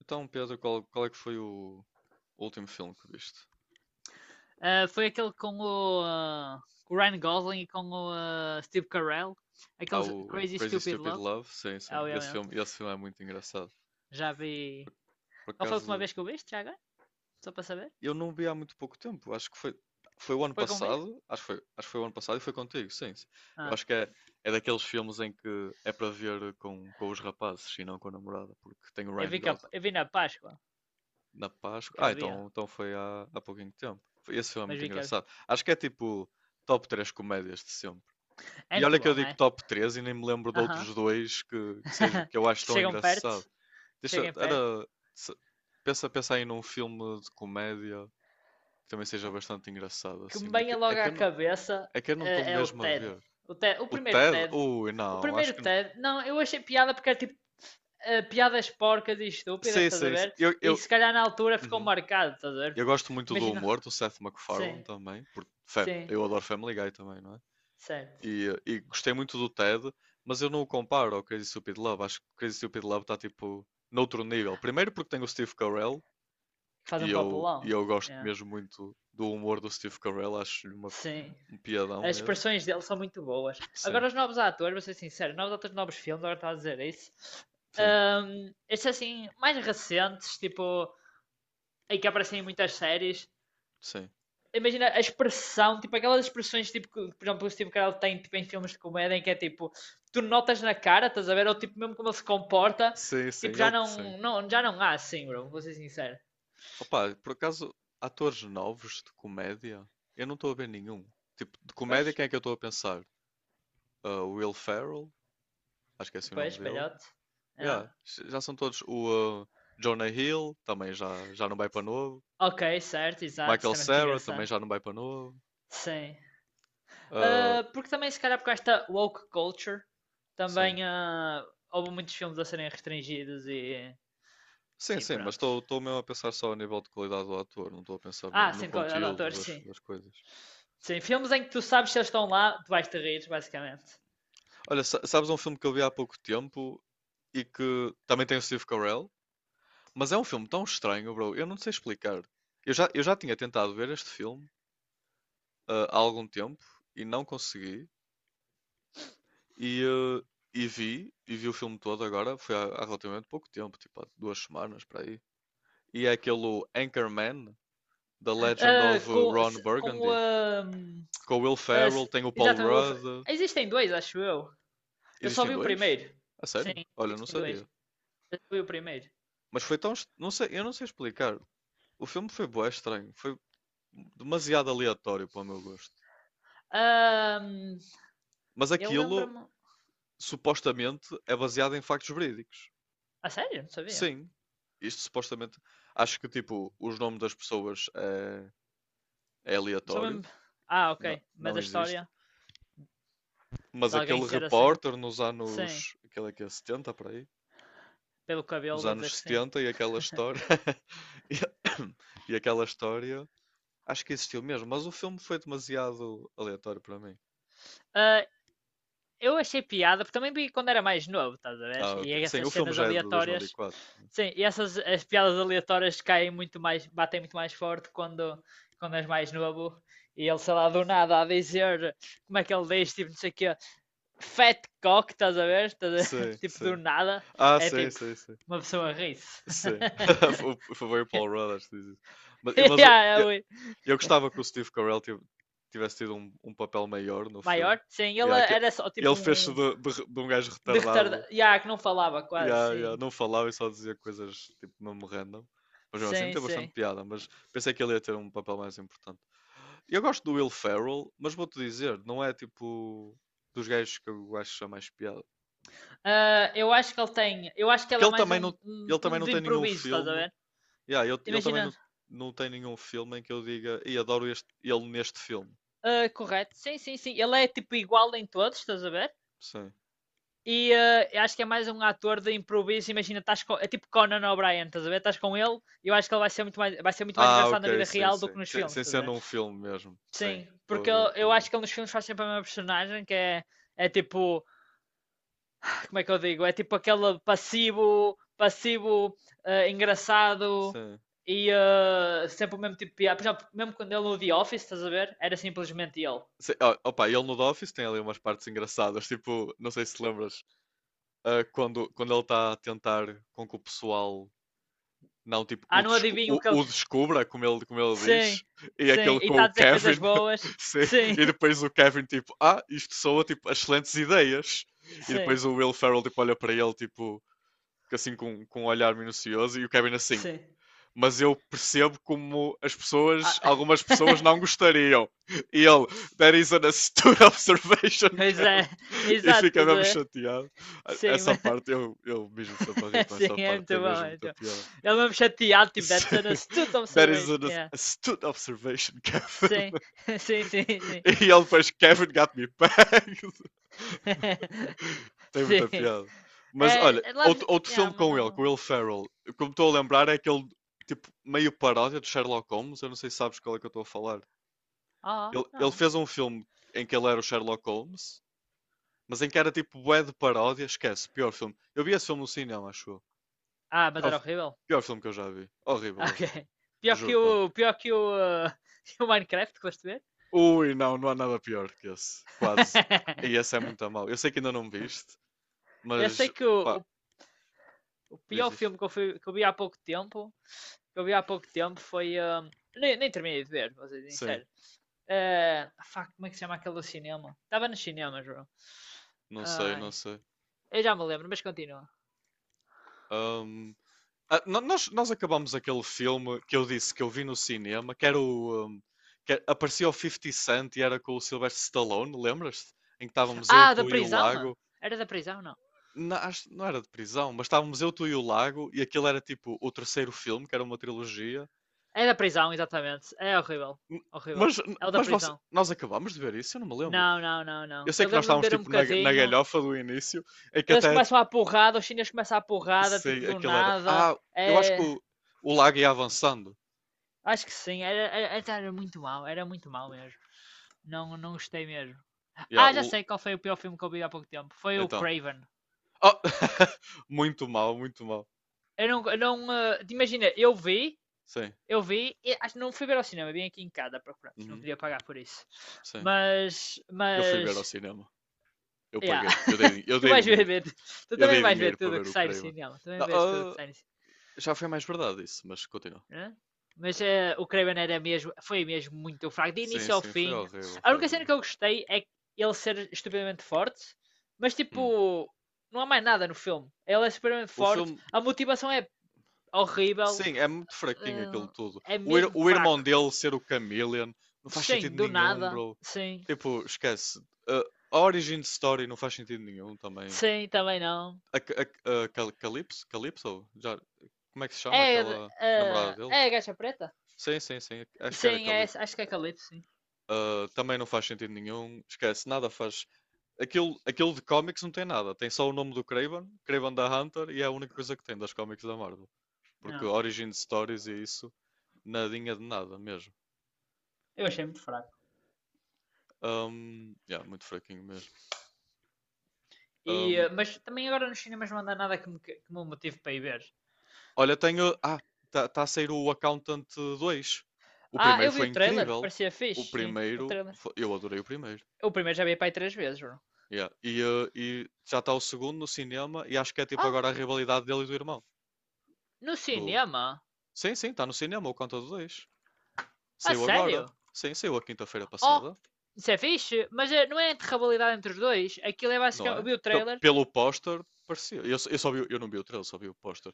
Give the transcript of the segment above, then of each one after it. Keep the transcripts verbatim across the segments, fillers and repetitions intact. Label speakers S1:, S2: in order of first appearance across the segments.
S1: Então, Pedro, qual, qual é que foi o último filme que viste?
S2: Ah, foi aquele com o, ah, com o Ryan Gosling e com o ah, Steve Carell.
S1: Há
S2: Aquele
S1: o
S2: Crazy
S1: Crazy
S2: Stupid
S1: Stupid
S2: Love,
S1: Love, sim, sim. Esse
S2: obviamente.
S1: filme, esse filme é muito engraçado.
S2: Já vi.
S1: Por, por
S2: Qual foi a última
S1: acaso,
S2: vez que eu viste, já agora? Só para saber?
S1: eu não vi há muito pouco tempo. Acho que foi, foi o ano
S2: Foi comigo?
S1: passado. Acho que foi, acho que foi o ano passado e foi contigo, sim, sim. Eu
S2: Ah,
S1: acho que é, é daqueles filmes em que é para ver com, com os rapazes e não com a namorada, porque tem o
S2: eu
S1: Ryan
S2: vi, que,
S1: Gosling
S2: eu vi na Páscoa.
S1: na Páscoa.
S2: Que
S1: Ah,
S2: havia.
S1: então, então foi há, há pouquinho tempo. Foi- Esse filme é
S2: Mas
S1: muito
S2: vi que havia.
S1: engraçado. Acho que é tipo top três comédias de sempre.
S2: É
S1: E
S2: muito
S1: olha que eu
S2: bom,
S1: digo
S2: é?
S1: top três e nem me lembro de
S2: Aham.
S1: outros dois que, que seja
S2: Uh-huh.
S1: que eu acho
S2: que
S1: tão
S2: chegam perto.
S1: engraçado.
S2: Que
S1: Deixa,
S2: cheguem perto.
S1: era, se- pensa, pensa aí num filme de comédia que também seja bastante engraçado
S2: Que
S1: assim.
S2: me
S1: É
S2: venha
S1: que, é
S2: logo
S1: que
S2: à
S1: eu não,
S2: cabeça
S1: é que eu não estou
S2: é, é o
S1: mesmo a
S2: Ted.
S1: ver.
S2: O Ted. O
S1: O
S2: primeiro
S1: Ted?
S2: Ted.
S1: Ui,
S2: O
S1: não, acho
S2: primeiro
S1: que n-
S2: Ted. Não, eu achei piada porque era tipo eh, piadas porcas e estúpidas,
S1: sim,
S2: estás a
S1: sim, sim.
S2: ver?
S1: Eu,
S2: E
S1: eu,
S2: se calhar na altura ficou
S1: uhum.
S2: marcado, estás a ver?
S1: Eu gosto muito do
S2: Imagina,
S1: humor do Seth
S2: sim,
S1: MacFarlane também, porque fa-
S2: sim,
S1: eu adoro Family Guy também, não é?
S2: certo.
S1: E, e gostei muito do Ted, mas eu não o comparo ao Crazy Stupid Love. Acho que o Crazy Stupid Love está tipo noutro nível. Primeiro porque tem o Steve Carell
S2: Faz
S1: e
S2: um
S1: eu, e
S2: papelão,
S1: eu gosto
S2: é,
S1: mesmo muito do humor do Steve Carell, acho-lhe uma-
S2: sim.
S1: um piadão
S2: As
S1: mesmo.
S2: expressões dele são muito boas.
S1: Sim,
S2: Agora, os novos atores, vou ser sincero, novos atores, novos filmes, agora estava a dizer isso.
S1: sim,
S2: Ahm, estes assim, mais recentes, tipo, em que aparecem em muitas séries,
S1: sim.
S2: imagina a expressão, tipo aquelas expressões tipo que, por exemplo, o Steve Carell tem tipo, em filmes de comédia em que é tipo, tu notas na cara, estás a ver? Ou tipo, mesmo como ele se comporta,
S1: Sim, sim,
S2: tipo, já
S1: ele sim.
S2: não, não, já não há assim, bro, vou ser sincero.
S1: Opa, por acaso, atores novos de comédia, eu não estou a ver nenhum. Tipo, de comédia,
S2: Pois,
S1: quem é que eu estou a pensar? Ah, o Will Ferrell, acho que é assim o nome
S2: depois,
S1: dele.
S2: belhote. É.
S1: Yeah, já são todos. O uh, Jonah Hill também já, já não vai para novo.
S2: Ok, certo, exato,
S1: Michael
S2: também é muito
S1: Cera também
S2: engraçado.
S1: já não vai para novo.
S2: Sim.
S1: Uh,
S2: Ah, porque também, se calhar, por esta woke culture,
S1: sim.
S2: também ah, houve muitos filmes a serem restringidos e,
S1: Sim,
S2: e
S1: sim, mas
S2: pronto.
S1: estou mesmo a pensar só a nível de qualidade do ator, não estou a pensar no,
S2: Ah,
S1: no
S2: sim, de qualidade de
S1: conteúdo
S2: ator,
S1: das,
S2: sim.
S1: das coisas.
S2: Sim, filmes em que tu sabes se eles estão lá, tu vais te rir, basicamente.
S1: Olha, sa- sabes um filme que eu vi há pouco tempo e que também tem o Steve Carell, mas é um filme tão estranho, bro, eu não sei explicar. Eu já, eu já tinha tentado ver este filme uh, há algum tempo e não consegui. E, eh, e vi, e vi o filme todo agora, foi há, há relativamente pouco tempo, tipo há duas semanas para aí. E é aquele Anchorman, The Legend
S2: Ah,
S1: of eh,
S2: com
S1: Ron
S2: com
S1: Burgundy,
S2: ahm,
S1: com o Will
S2: ah,
S1: Ferrell, tem o Paul
S2: exatamente.
S1: Rudd.
S2: Existem dois, acho eu. Eu só
S1: Existem
S2: vi o
S1: dois?
S2: primeiro.
S1: A
S2: Sim,
S1: sério? Olha, não
S2: existem dois.
S1: sabia.
S2: Eu só vi o primeiro.
S1: Mas foi tão, est- não sei, eu não sei explicar. O filme foi bué estranho, foi demasiado aleatório para o meu gosto.
S2: Ahm,
S1: Mas
S2: eu
S1: aquilo
S2: lembro-me.
S1: supostamente é baseado em factos verídicos.
S2: A sério? Não sabia.
S1: Sim, isto supostamente. Acho que tipo, os nomes das pessoas é é
S2: Só
S1: aleatório,
S2: mesmo. Ah,
S1: não,
S2: ok. Mas
S1: não
S2: a história
S1: existe, mas
S2: de alguém
S1: aquele
S2: ser assim?
S1: repórter nos
S2: Sim.
S1: anos, aquele é que é setenta por aí,
S2: Pelo cabelo,
S1: nos
S2: vou dizer
S1: anos
S2: que sim.
S1: setenta e aquela história e, e aquela história, acho que existiu mesmo, mas o filme foi demasiado aleatório para mim.
S2: Ah, eu achei piada, porque também vi quando era mais novo, estás a ver?
S1: Ah,
S2: E
S1: ok. Sim,
S2: essas
S1: o filme
S2: cenas
S1: já é de dois mil e
S2: aleatórias.
S1: quatro.
S2: Sim, e essas as piadas aleatórias caem muito mais, batem muito mais forte quando, quando és mais novo. E ele, sei lá, do nada a dizer como é que ele diz, tipo, não sei o quê, fat cock, estás a ver? Estás a-
S1: Sim,
S2: Tipo, do
S1: sim.
S2: nada,
S1: Ah,
S2: é
S1: sim,
S2: tipo,
S1: sim, sim.
S2: uma pessoa ri-se.
S1: Sim. Foi foi o Paul Rudd, acho que diz isso. Mas, mas o-
S2: yeah, é o
S1: Eu gostava que o Steve Carell tiv- tivesse tido um, um papel maior no filme.
S2: maior? Sim, ele
S1: Yeah, que-
S2: era só tipo
S1: ele fez-se
S2: um
S1: de, de de um gajo
S2: de retardado.
S1: retardado.
S2: Yeah, que não falava quase,
S1: Yeah, yeah,
S2: sim.
S1: não falava e só dizia coisas tipo mesmo random. Mas mesmo assim
S2: Sim,
S1: tem bastante
S2: sim.
S1: piada, mas pensei que ele ia ter um papel mais importante. Eu gosto do Will Ferrell, mas vou-te dizer, não é tipo dos gajos que eu acho a mais piada.
S2: Ah, eu acho que ele tem. Eu acho que
S1: Porque
S2: ele é
S1: ele
S2: mais
S1: também
S2: um,
S1: não,
S2: um,
S1: ele também
S2: um
S1: não
S2: de
S1: tem nenhum
S2: improviso, estás a
S1: filme.
S2: ver?
S1: Yeah, ele, ele também
S2: Imagina.
S1: não, não tem nenhum filme em que eu diga e adoro este, ele neste filme.
S2: Ah, correto. Sim, sim, sim. Ele é tipo igual em todos, estás a ver?
S1: Sim.
S2: E ah, eu acho que é mais um ator de improviso. Imagina, estás com. É tipo Conan O'Brien, estás a ver? Estás com ele e eu acho que ele vai ser, muito mais, vai ser muito mais
S1: Ah,
S2: engraçado na
S1: ok,
S2: vida
S1: sim,
S2: real do
S1: sim.
S2: que nos
S1: Sem,
S2: filmes,
S1: sem
S2: estás a
S1: ser
S2: ver?
S1: num filme mesmo. Sim,
S2: Sim,
S1: estou a
S2: porque
S1: ver,
S2: eu,
S1: estou a
S2: eu
S1: ver.
S2: acho que ele nos filmes faz sempre a mesma personagem, que é, é tipo como é que eu digo? É tipo aquele passivo, passivo eh, engraçado
S1: Sim.
S2: e eh, sempre o mesmo tipo de piada. Por exemplo, mesmo quando ele no The Office, estás a ver? Era simplesmente ele.
S1: Sim, ó, opa, ele no The Office tem ali umas partes engraçadas, tipo, não sei se te lembras, ah, quando, quando ele está a tentar com que o pessoal não, tipo,
S2: Ah,
S1: o,
S2: não
S1: desco-
S2: adivinho o
S1: o-
S2: que ele.
S1: o descubra, como ele, como ele diz,
S2: Sim,
S1: e
S2: sim.
S1: aquele
S2: E
S1: com
S2: está a
S1: o
S2: dizer
S1: Kevin,
S2: coisas boas.
S1: sim,
S2: Sim,
S1: e depois o Kevin, tipo, ah, isto soa, tipo, excelentes ideias, e
S2: sim,
S1: depois o Will Ferrell, tipo, olha para ele, tipo, que assim com, com um olhar minucioso, e o Kevin assim,
S2: sim.
S1: mas eu percebo como as pessoas,
S2: Ah,
S1: algumas pessoas não gostariam. E ele, that is an astute observation,
S2: pois é,
S1: Kev. E
S2: exato.
S1: fica mesmo
S2: Estás
S1: chateado.
S2: Sim,
S1: Essa
S2: mas...
S1: parte, eu, eu mesmo sempre ri com
S2: sim,
S1: essa
S2: é
S1: parte,
S2: muito
S1: tem
S2: bom.
S1: mesmo
S2: É muito
S1: muita
S2: bom.
S1: piada.
S2: Ele mesmo chateado, tipo, that's an astute
S1: That is
S2: observation.
S1: an
S2: Yeah.
S1: astute observation, Kevin.
S2: Sim, sim, sim, sim.
S1: E ele depois, Kevin got me pegged. Tem muita
S2: Sim.
S1: piada. Mas olha,
S2: É, é, Love...
S1: outro, outro
S2: Yeah,
S1: filme
S2: mas
S1: com ele, com o
S2: não...
S1: Will Ferrell, como estou a lembrar, é aquele tipo meio paródia do Sherlock Holmes. Eu não sei se sabes qual é que eu estou a falar.
S2: Oh,
S1: Ele, ele
S2: não.
S1: fez um filme em que ele era o Sherlock Holmes, mas em que era tipo bué de paródia. Esquece, pior filme. Eu vi esse filme no cinema, acho eu.
S2: Ah, mas
S1: Pior,
S2: era horrível?
S1: pior filme que eu já vi. Horrível,
S2: Ah,
S1: horrível.
S2: Ok. Pior que
S1: Juro-te, horrível.
S2: o... Pior que o... uh, que o Minecraft, que foste ver?
S1: Ui, não, não há nada pior que esse. Quase. E esse é muito a mal. Eu sei que ainda não viste,
S2: eu sei
S1: mas
S2: que o,
S1: pá,
S2: o-
S1: diz,
S2: pior
S1: diz.
S2: filme que eu, fui- que eu vi há pouco tempo... Que eu vi há pouco tempo foi... um, nem, nem terminei de ver, vou ser
S1: Sim,
S2: sincero. Eh, fuck, como é que se chama aquele do cinema? Estava no cinema, João.
S1: não sei, não
S2: Ai,
S1: sei.
S2: eu já me lembro, mas continua.
S1: Ahm, ah, no- nós, nós acabamos aquele filme que eu disse que eu vi no cinema, que era o. ahm, que é, aparecia o fifty Cent e era com o Sylvester Stallone, lembras-te? Em que estávamos eu,
S2: Ah, da
S1: tu e o
S2: prisão?
S1: Lago.
S2: Era da prisão, não?
S1: Não, acho- não era de prisão, mas estávamos eu, tu e o Lago, e aquilo era tipo o terceiro filme, que era uma trilogia.
S2: É da prisão, exatamente. É horrível.
S1: N-
S2: Horrível.
S1: Mas,
S2: É o da
S1: mas você-
S2: prisão.
S1: nós acabamos de ver isso? Eu não me lembro.
S2: Não, não, não,
S1: Eu
S2: não.
S1: sei
S2: Eu
S1: que nós
S2: lembro-me
S1: estávamos
S2: de ver um
S1: tipo na, na
S2: bocadinho.
S1: galhofa do início, em que
S2: Eles
S1: até
S2: começam a porrada, os chineses começam a porrada, tipo
S1: sei
S2: do
S1: aquele era.
S2: nada.
S1: Ah, eu acho que
S2: É.
S1: o, o Lago ia avançando.
S2: Acho que sim, era, era, era muito mal, era muito mal mesmo. Não, não gostei mesmo.
S1: Yeah,
S2: Ah, já
S1: o-
S2: sei qual foi o pior filme que eu vi há pouco tempo. Foi o
S1: então.
S2: Craven.
S1: Oh, muito mal, muito mal.
S2: Eu não. Eu não eh, imagina, eu vi,
S1: Sim,
S2: eu vi, acho que não fui ver ao cinema, vim aqui em casa para pronto, não
S1: uhum,
S2: queria pagar por isso.
S1: sim.
S2: Mas.
S1: Eu fui ver
S2: Mas.
S1: ao cinema. Eu
S2: Yeah.
S1: paguei. Eu dei, eu
S2: tu
S1: dei
S2: vais ver,
S1: dinheiro.
S2: ver- Tu
S1: Eu
S2: também
S1: dei
S2: vais ver
S1: dinheiro para
S2: tudo o
S1: ver
S2: que
S1: o
S2: sai do
S1: Craven.
S2: cinema, também
S1: Não,
S2: vês tudo o que
S1: ah,
S2: sai do
S1: já foi mais verdade isso, mas
S2: cinema.
S1: continua.
S2: Né? Mas eh, o Craven era mesmo, foi mesmo muito fraco, de
S1: Sim,
S2: início ao
S1: sim, foi
S2: fim.
S1: horrível,
S2: A
S1: foi
S2: única cena
S1: horrível.
S2: que eu gostei é ele ser estupidamente forte, mas
S1: Hum.
S2: tipo, não há mais nada no filme. Ele é estupidamente
S1: O
S2: forte,
S1: filme,
S2: a motivação é horrível,
S1: sim, é muito fraquinho aquilo tudo.
S2: eh, é
S1: O, ir-
S2: mesmo
S1: o irmão
S2: fraco.
S1: dele ser o Chameleon não faz
S2: Sim,
S1: sentido
S2: do
S1: nenhum,
S2: nada,
S1: bro.
S2: sim,
S1: Tipo, esquece. Ah, a origin story não faz sentido nenhum também.
S2: sim, também não.
S1: A, a, a Cal- Calypso? Calypso? Já, como é que se chama
S2: É,
S1: aquela
S2: eh,
S1: namorada dele?
S2: é a gacha preta?
S1: Sim, sim, sim. Acho que era
S2: Sim, é,
S1: Calypso.
S2: acho que é Calypso, sim.
S1: Ah, também não faz sentido nenhum. Esquece, nada faz. Aquilo, aquilo de cómics não tem nada. Tem só o nome do Craven, Craven da Hunter, e é a única coisa que tem das cómics da Marvel. Porque
S2: Não.
S1: Origin Stories e isso, nadinha de nada mesmo.
S2: Eu achei muito fraco.
S1: Ahm, yeah, muito fraquinho mesmo.
S2: E, eh, mas também agora nos cinemas não anda nada que me, que me motive para ir ver.
S1: Olha, tenho. Ah, está tá a sair o Accountant dois. O
S2: Ah,
S1: primeiro
S2: eu vi
S1: foi
S2: o trailer,
S1: incrível.
S2: parecia
S1: O
S2: fixe, sim, o
S1: primeiro.
S2: trailer.
S1: fo- Eu adorei o primeiro.
S2: Eu primeiro já vi para aí três vezes, bro.
S1: Yeah. E, eh, e já está o segundo no cinema. E acho que é tipo
S2: Oh,
S1: agora a rivalidade dele e do irmão.
S2: no
S1: Do...
S2: cinema?
S1: Sim, sim, está no cinema o Conta do dois.
S2: A
S1: Saiu agora.
S2: sério?
S1: Sim, saiu a quinta-feira
S2: Oh,
S1: passada.
S2: isso é fixe, mas eh, não é entre rivalidade entre os dois. Aquilo é
S1: Não
S2: basicamente. Eu
S1: é?
S2: vi o
S1: Pe-
S2: trailer.
S1: pelo póster, parecia. Eu, só- eu só vi, o- eu não vi o trailer, só vi o póster.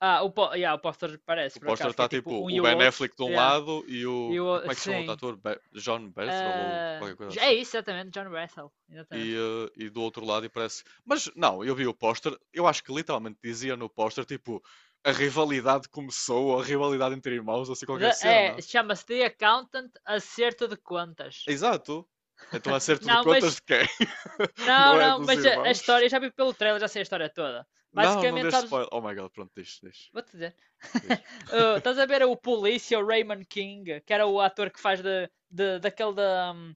S2: Ah, o, po- yeah, o póster
S1: O
S2: parece, por
S1: póster
S2: acaso, que
S1: está
S2: é
S1: tipo
S2: tipo um
S1: o
S2: e o
S1: Ben
S2: outro.
S1: Affleck de um
S2: Yeah,
S1: lado e o.
S2: e o
S1: Ah, como
S2: outro,
S1: é que se chama o outro
S2: sim.
S1: ator? Be- John Berthold ou
S2: Ah,
S1: qualquer coisa
S2: é
S1: assim.
S2: isso, exatamente, John Russell.
S1: e,
S2: Exatamente.
S1: eh, e do outro lado e parece. Mas não, eu vi o póster, eu acho que literalmente dizia no póster tipo a rivalidade começou, ou a rivalidade entre irmãos, ou assim qualquer
S2: The- é,
S1: cena.
S2: chama-se The Accountant Acerto de Contas.
S1: Exato. Então acerto de
S2: Não,
S1: contas de
S2: mas.
S1: quem? Não
S2: Não,
S1: é
S2: não,
S1: dos
S2: mas a, a história,
S1: irmãos?
S2: eu já vi pelo trailer, já sei a história toda.
S1: Não, não
S2: Basicamente,
S1: deixe
S2: sabes.
S1: spoiler. Oh my god, pronto, deixe, deixe,
S2: Vou-te dizer.
S1: deixe.
S2: Uh, estás a ver o polícia, o Raymond King, que era o ator que faz de, de, daquele da, um,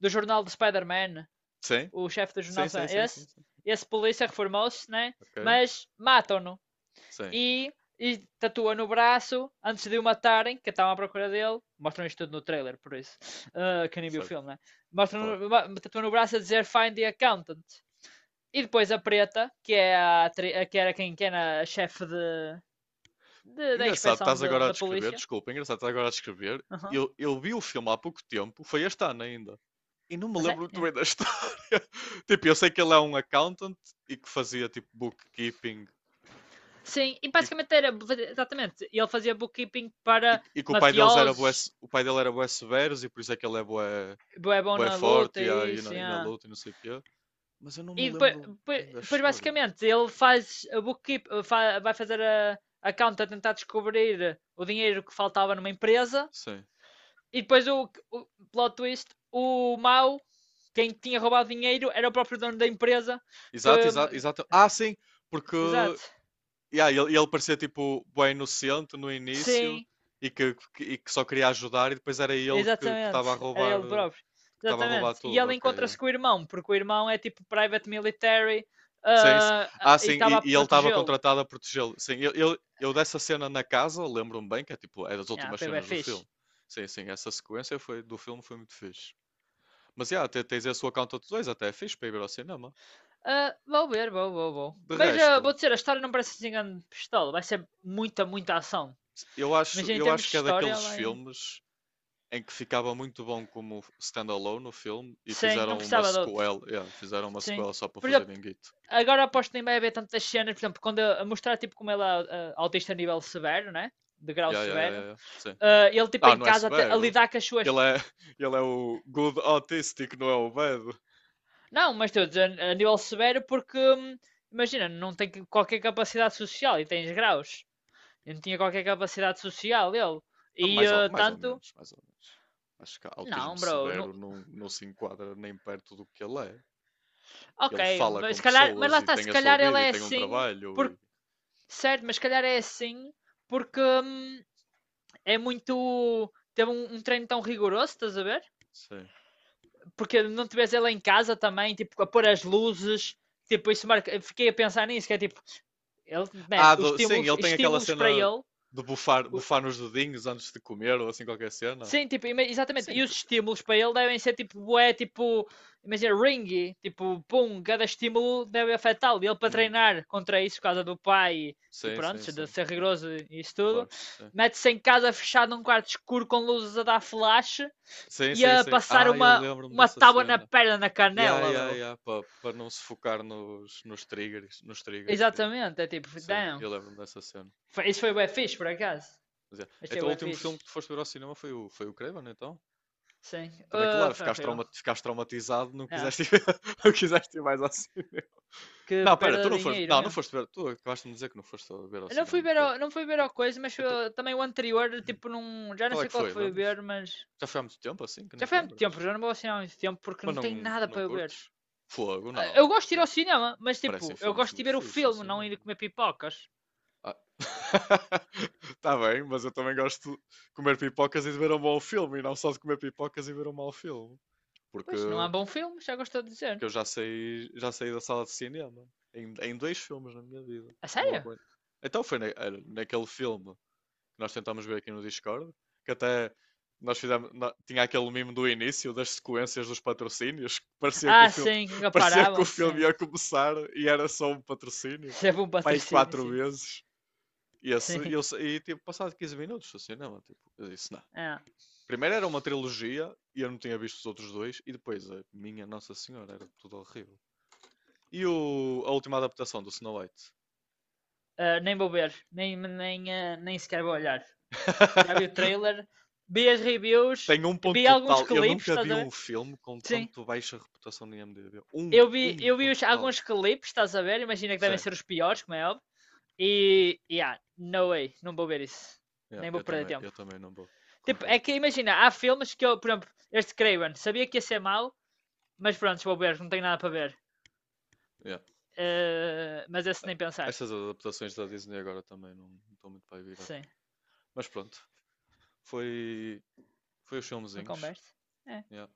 S2: do jornal do Spider-Man,
S1: Sim,
S2: o chefe do jornal
S1: sim, sim,
S2: Spider-Man.
S1: sim, sim,
S2: Esse,
S1: sim.
S2: esse polícia reformou-se, né?
S1: Ok?
S2: Mas matam-no.
S1: Sim,
S2: E, e tatua no braço, antes de o matarem, que estavam à procura dele. Mostram isto tudo no trailer, por isso. Uh, quem nem viu o
S1: certo,
S2: filme, né?
S1: claro.
S2: Mostram, ma- tatua no braço a dizer Find the Accountant. E depois a Preta, que, é a, atri- a que era quem que era a chefe de, de- da
S1: Engraçado,
S2: inspeção
S1: estás
S2: de-
S1: agora a
S2: da
S1: descrever,
S2: polícia.
S1: desculpa, engraçado, estás agora a descrever.
S2: Uhum.
S1: Eu, eu vi o filme há pouco tempo, foi este ano ainda. E não me
S2: A
S1: lembro
S2: sério?
S1: muito
S2: Yeah.
S1: bem da história. Tipo, eu sei que ele é um accountant e que fazia tipo bookkeeping
S2: Sim, e
S1: e,
S2: basicamente era exatamente. Ele fazia bookkeeping
S1: e-
S2: para
S1: e que o pai deles era bué,
S2: mafiosos,
S1: se- o pai dele era bué severos e por isso é que ele é bué,
S2: é bom
S1: bué
S2: na luta,
S1: forte e, a- e
S2: isso,
S1: na, e na
S2: yeah.
S1: luta e não sei o quê. Mas eu não me
S2: E depois,
S1: lembro
S2: depois,
S1: bem da
S2: depois,
S1: história.
S2: basicamente ele faz a bookkeep, fa- vai fazer a, a conta tentar descobrir o dinheiro que faltava numa empresa.
S1: Sim.
S2: E depois o, o plot twist, o mau, quem tinha roubado dinheiro, era o próprio dono da empresa que.
S1: Exato, exato, exato. Ah, sim, porque
S2: Exato.
S1: yeah, ele, ele parecia tipo bué inocente no início
S2: Sim,
S1: e que, que- e que só queria ajudar e depois era ele que que
S2: exatamente.
S1: estava a
S2: Era
S1: roubar
S2: ele
S1: eh,
S2: próprio.
S1: que estava a roubar
S2: Exatamente. E
S1: tudo,
S2: ele
S1: ok, yeah.
S2: encontra-se com o irmão, porque o irmão é tipo private military
S1: Sim, s-
S2: ah, ah,
S1: ah,
S2: e
S1: sim,
S2: estava
S1: e,
S2: a
S1: e ele estava
S2: protegê-lo.
S1: contratado a protegê-lo. Sim, eu, eu, eu dessa cena na casa, lembro-me bem, que é tipo, é das
S2: Ah,
S1: últimas
S2: foi bem
S1: cenas do filme.
S2: fixe.
S1: Sim, sim, essa sequência foi, do filme foi muito fixe. Mas, yeah, te- tens esse Count de dois, até é fixe para ir ver ao cinema.
S2: Ah, vou ver, vou, vou, vou.
S1: De
S2: Mas ah,
S1: resto,
S2: vou dizer, a história não parece assim grande pistola. Vai ser muita, muita ação.
S1: eu
S2: Mas
S1: acho,
S2: em
S1: eu
S2: termos
S1: acho
S2: de
S1: que é
S2: história,
S1: daqueles
S2: vai.
S1: filmes em que ficava muito bom como standalone no filme e
S2: Sim, não
S1: fizeram uma
S2: precisava de outros.
S1: sequela, yeah, fizeram uma
S2: Sim.
S1: sequela só para
S2: Por
S1: fazer
S2: exemplo,
S1: guito.
S2: agora aposto que nem vai haver tantas cenas, por exemplo, quando a mostrar tipo como ela é uh, autista a nível severo, né? De grau
S1: Yeah, yeah, yeah, yeah,
S2: severo.
S1: yeah, sim.
S2: Ah, ele tipo
S1: Ah,
S2: em
S1: não é
S2: casa até a
S1: severo.
S2: lidar com as suas.
S1: Ele é, ele é o good autistic, não é o bad.
S2: Não, mas estou a dizer a nível severo porque hum, imagina, não tem qualquer capacidade social e tens graus. Ele não tinha qualquer capacidade social ele.
S1: Ah,
S2: E
S1: Mais ou,
S2: ah,
S1: mais ou
S2: tanto.
S1: menos, mais ou menos. Acho que autismo
S2: Não, bro. Não...
S1: severo não, não se enquadra nem perto do que ele é.
S2: Ok,
S1: Ele fala
S2: mas
S1: com
S2: se calhar. Mas
S1: pessoas
S2: lá
S1: e
S2: está,
S1: tem
S2: se
S1: a sua
S2: calhar ele
S1: vida e
S2: é
S1: tem um
S2: assim
S1: trabalho
S2: porque.
S1: e.
S2: Certo, mas se calhar é assim porque hum, é muito. Teve um, um treino tão rigoroso, estás a ver?
S1: Sim.
S2: Porque não tivesse ela em casa também, tipo, a pôr as luzes, tipo, isso marca. Fiquei a pensar nisso, que é tipo, ele, man,
S1: Ah,
S2: os
S1: do- sim,
S2: estímulos,
S1: ele tem aquela
S2: estímulos para
S1: cena
S2: ele.
S1: de bufar, bufar nos dedinhos antes de comer ou assim qualquer cena.
S2: Sim, tipo, exatamente.
S1: Sim,
S2: E os
S1: te-
S2: estímulos para ele devem ser tipo, bué, tipo, imagina, ringy, tipo, pum, cada estímulo deve afetá-lo. E ele para
S1: hum,
S2: treinar contra isso, por causa do pai e, e
S1: sim, sim,
S2: pronto, de
S1: sim.
S2: ser
S1: É,
S2: rigoroso e isso tudo,
S1: claro, sim.
S2: mete-se em casa fechado num quarto escuro com luzes a dar flash
S1: Sim, sim,
S2: ia
S1: sim.
S2: passar
S1: Ah, eu
S2: uma,
S1: lembro-me
S2: uma
S1: dessa
S2: tábua na
S1: cena.
S2: perna, na
S1: Ya,
S2: canela,
S1: ya,
S2: bro.
S1: ya, para não se focar nos, nos triggers, nos triggers, ya.
S2: Exatamente, é tipo,
S1: Sim,
S2: damn.
S1: eu lembro-me dessa cena.
S2: Foi- Isso foi o fixe, por acaso.
S1: Mas é.
S2: Este é
S1: Então o
S2: o
S1: último
S2: fixe.
S1: filme que tu foste ver ao cinema foi o, foi o Craven, então?
S2: Sim.
S1: Também,
S2: Ah,
S1: claro,
S2: foi
S1: ficaste,
S2: horrível.
S1: trauma- ficaste traumatizado, não
S2: Ah,
S1: quiseste ir, não quiseste ir mais ao cinema.
S2: que
S1: Não, pera, tu
S2: perda
S1: não
S2: de
S1: foste.
S2: dinheiro
S1: Não, não
S2: mesmo.
S1: foste ver. Tu acabaste de me dizer que não foste ver ao
S2: Eu não fui
S1: cinema,
S2: ver
S1: creio.
S2: ao, não fui ver
S1: Então,
S2: ao coisa, mas
S1: então,
S2: ah, também o anterior, tipo, num, já não
S1: qual é
S2: sei
S1: que
S2: qual
S1: foi?
S2: que foi
S1: Lembras?
S2: ver, mas
S1: Já foi há muito tempo assim que
S2: já
S1: nem te
S2: foi há muito tempo,
S1: lembras.
S2: já não vou ao cinema há muito tempo porque
S1: Mas
S2: não tem
S1: não,
S2: nada
S1: não
S2: para eu ver.
S1: curtes? Fogo,
S2: Ah,
S1: não.
S2: eu gosto de ir
S1: Eh,
S2: ao cinema, mas
S1: parecem
S2: tipo, eu
S1: filmes
S2: gosto de
S1: muito
S2: ver o
S1: fixes no
S2: filme, não
S1: cinema.
S2: ir comer pipocas.
S1: Ah. Tá bem, mas eu também gosto de comer pipocas e de ver um bom filme, e não só de comer pipocas e ver um mau filme. Porque,
S2: Pois, não há bom filme, já gostou de
S1: porque
S2: dizer.
S1: eu já saí, já saí da sala de cinema em, em dois filmes na minha vida
S2: A
S1: que não
S2: sério?
S1: aguento. Então foi na- era naquele filme que nós tentámos ver aqui no Discord, que até nós fizemos, nó- tinha aquele mimo do início das sequências dos patrocínios, que parecia que o
S2: Ah,
S1: filme,
S2: sim, que
S1: parecia que o
S2: comparavam,
S1: filme
S2: sim.
S1: ia começar e era só um patrocínio,
S2: Isso é bom
S1: pai,
S2: patrocínio,
S1: quatro
S2: sim.
S1: vezes. E, esse, e,
S2: Sim.
S1: eu, sa- e tipo, passado quinze minutos do cinema, tipo, eu disse, não.
S2: Ah,
S1: Primeiro era uma trilogia e eu não tinha visto os outros dois, e depois a minha Nossa Senhora, era tudo horrível. E o- a última adaptação do Snow White?
S2: ah, nem vou ver, nem, nem, ah, nem sequer vou olhar. Já vi o trailer, vi as reviews,
S1: Tem um ponto
S2: vi alguns
S1: total. Eu
S2: clipes,
S1: nunca
S2: estás
S1: vi
S2: a ver?
S1: um filme com
S2: Sim.
S1: tanto baixa reputação no IMDb. Um,
S2: Eu vi,
S1: um
S2: eu vi os-
S1: ponto total.
S2: alguns clipes, estás a ver? Imagina que devem
S1: Sim,
S2: ser os piores, como é óbvio. E, e yeah, no way, não vou ver isso.
S1: yeah,
S2: Nem vou
S1: eu
S2: perder
S1: também, eu
S2: tempo.
S1: também não vou.
S2: Tipo, é
S1: Concordo.
S2: que imagina, há filmes que eu, por exemplo, este Craven, sabia que ia ser mau, mas pronto, vou ver, não tenho nada para ver.
S1: Yeah.
S2: Eh, mas esse
S1: Eh,
S2: nem pensar.
S1: estas adaptações da Disney agora também não estão muito para virar.
S2: Sim.
S1: Mas pronto, foi, foi os
S2: Uma
S1: filmezinhos.
S2: conversa? É.
S1: Yeah.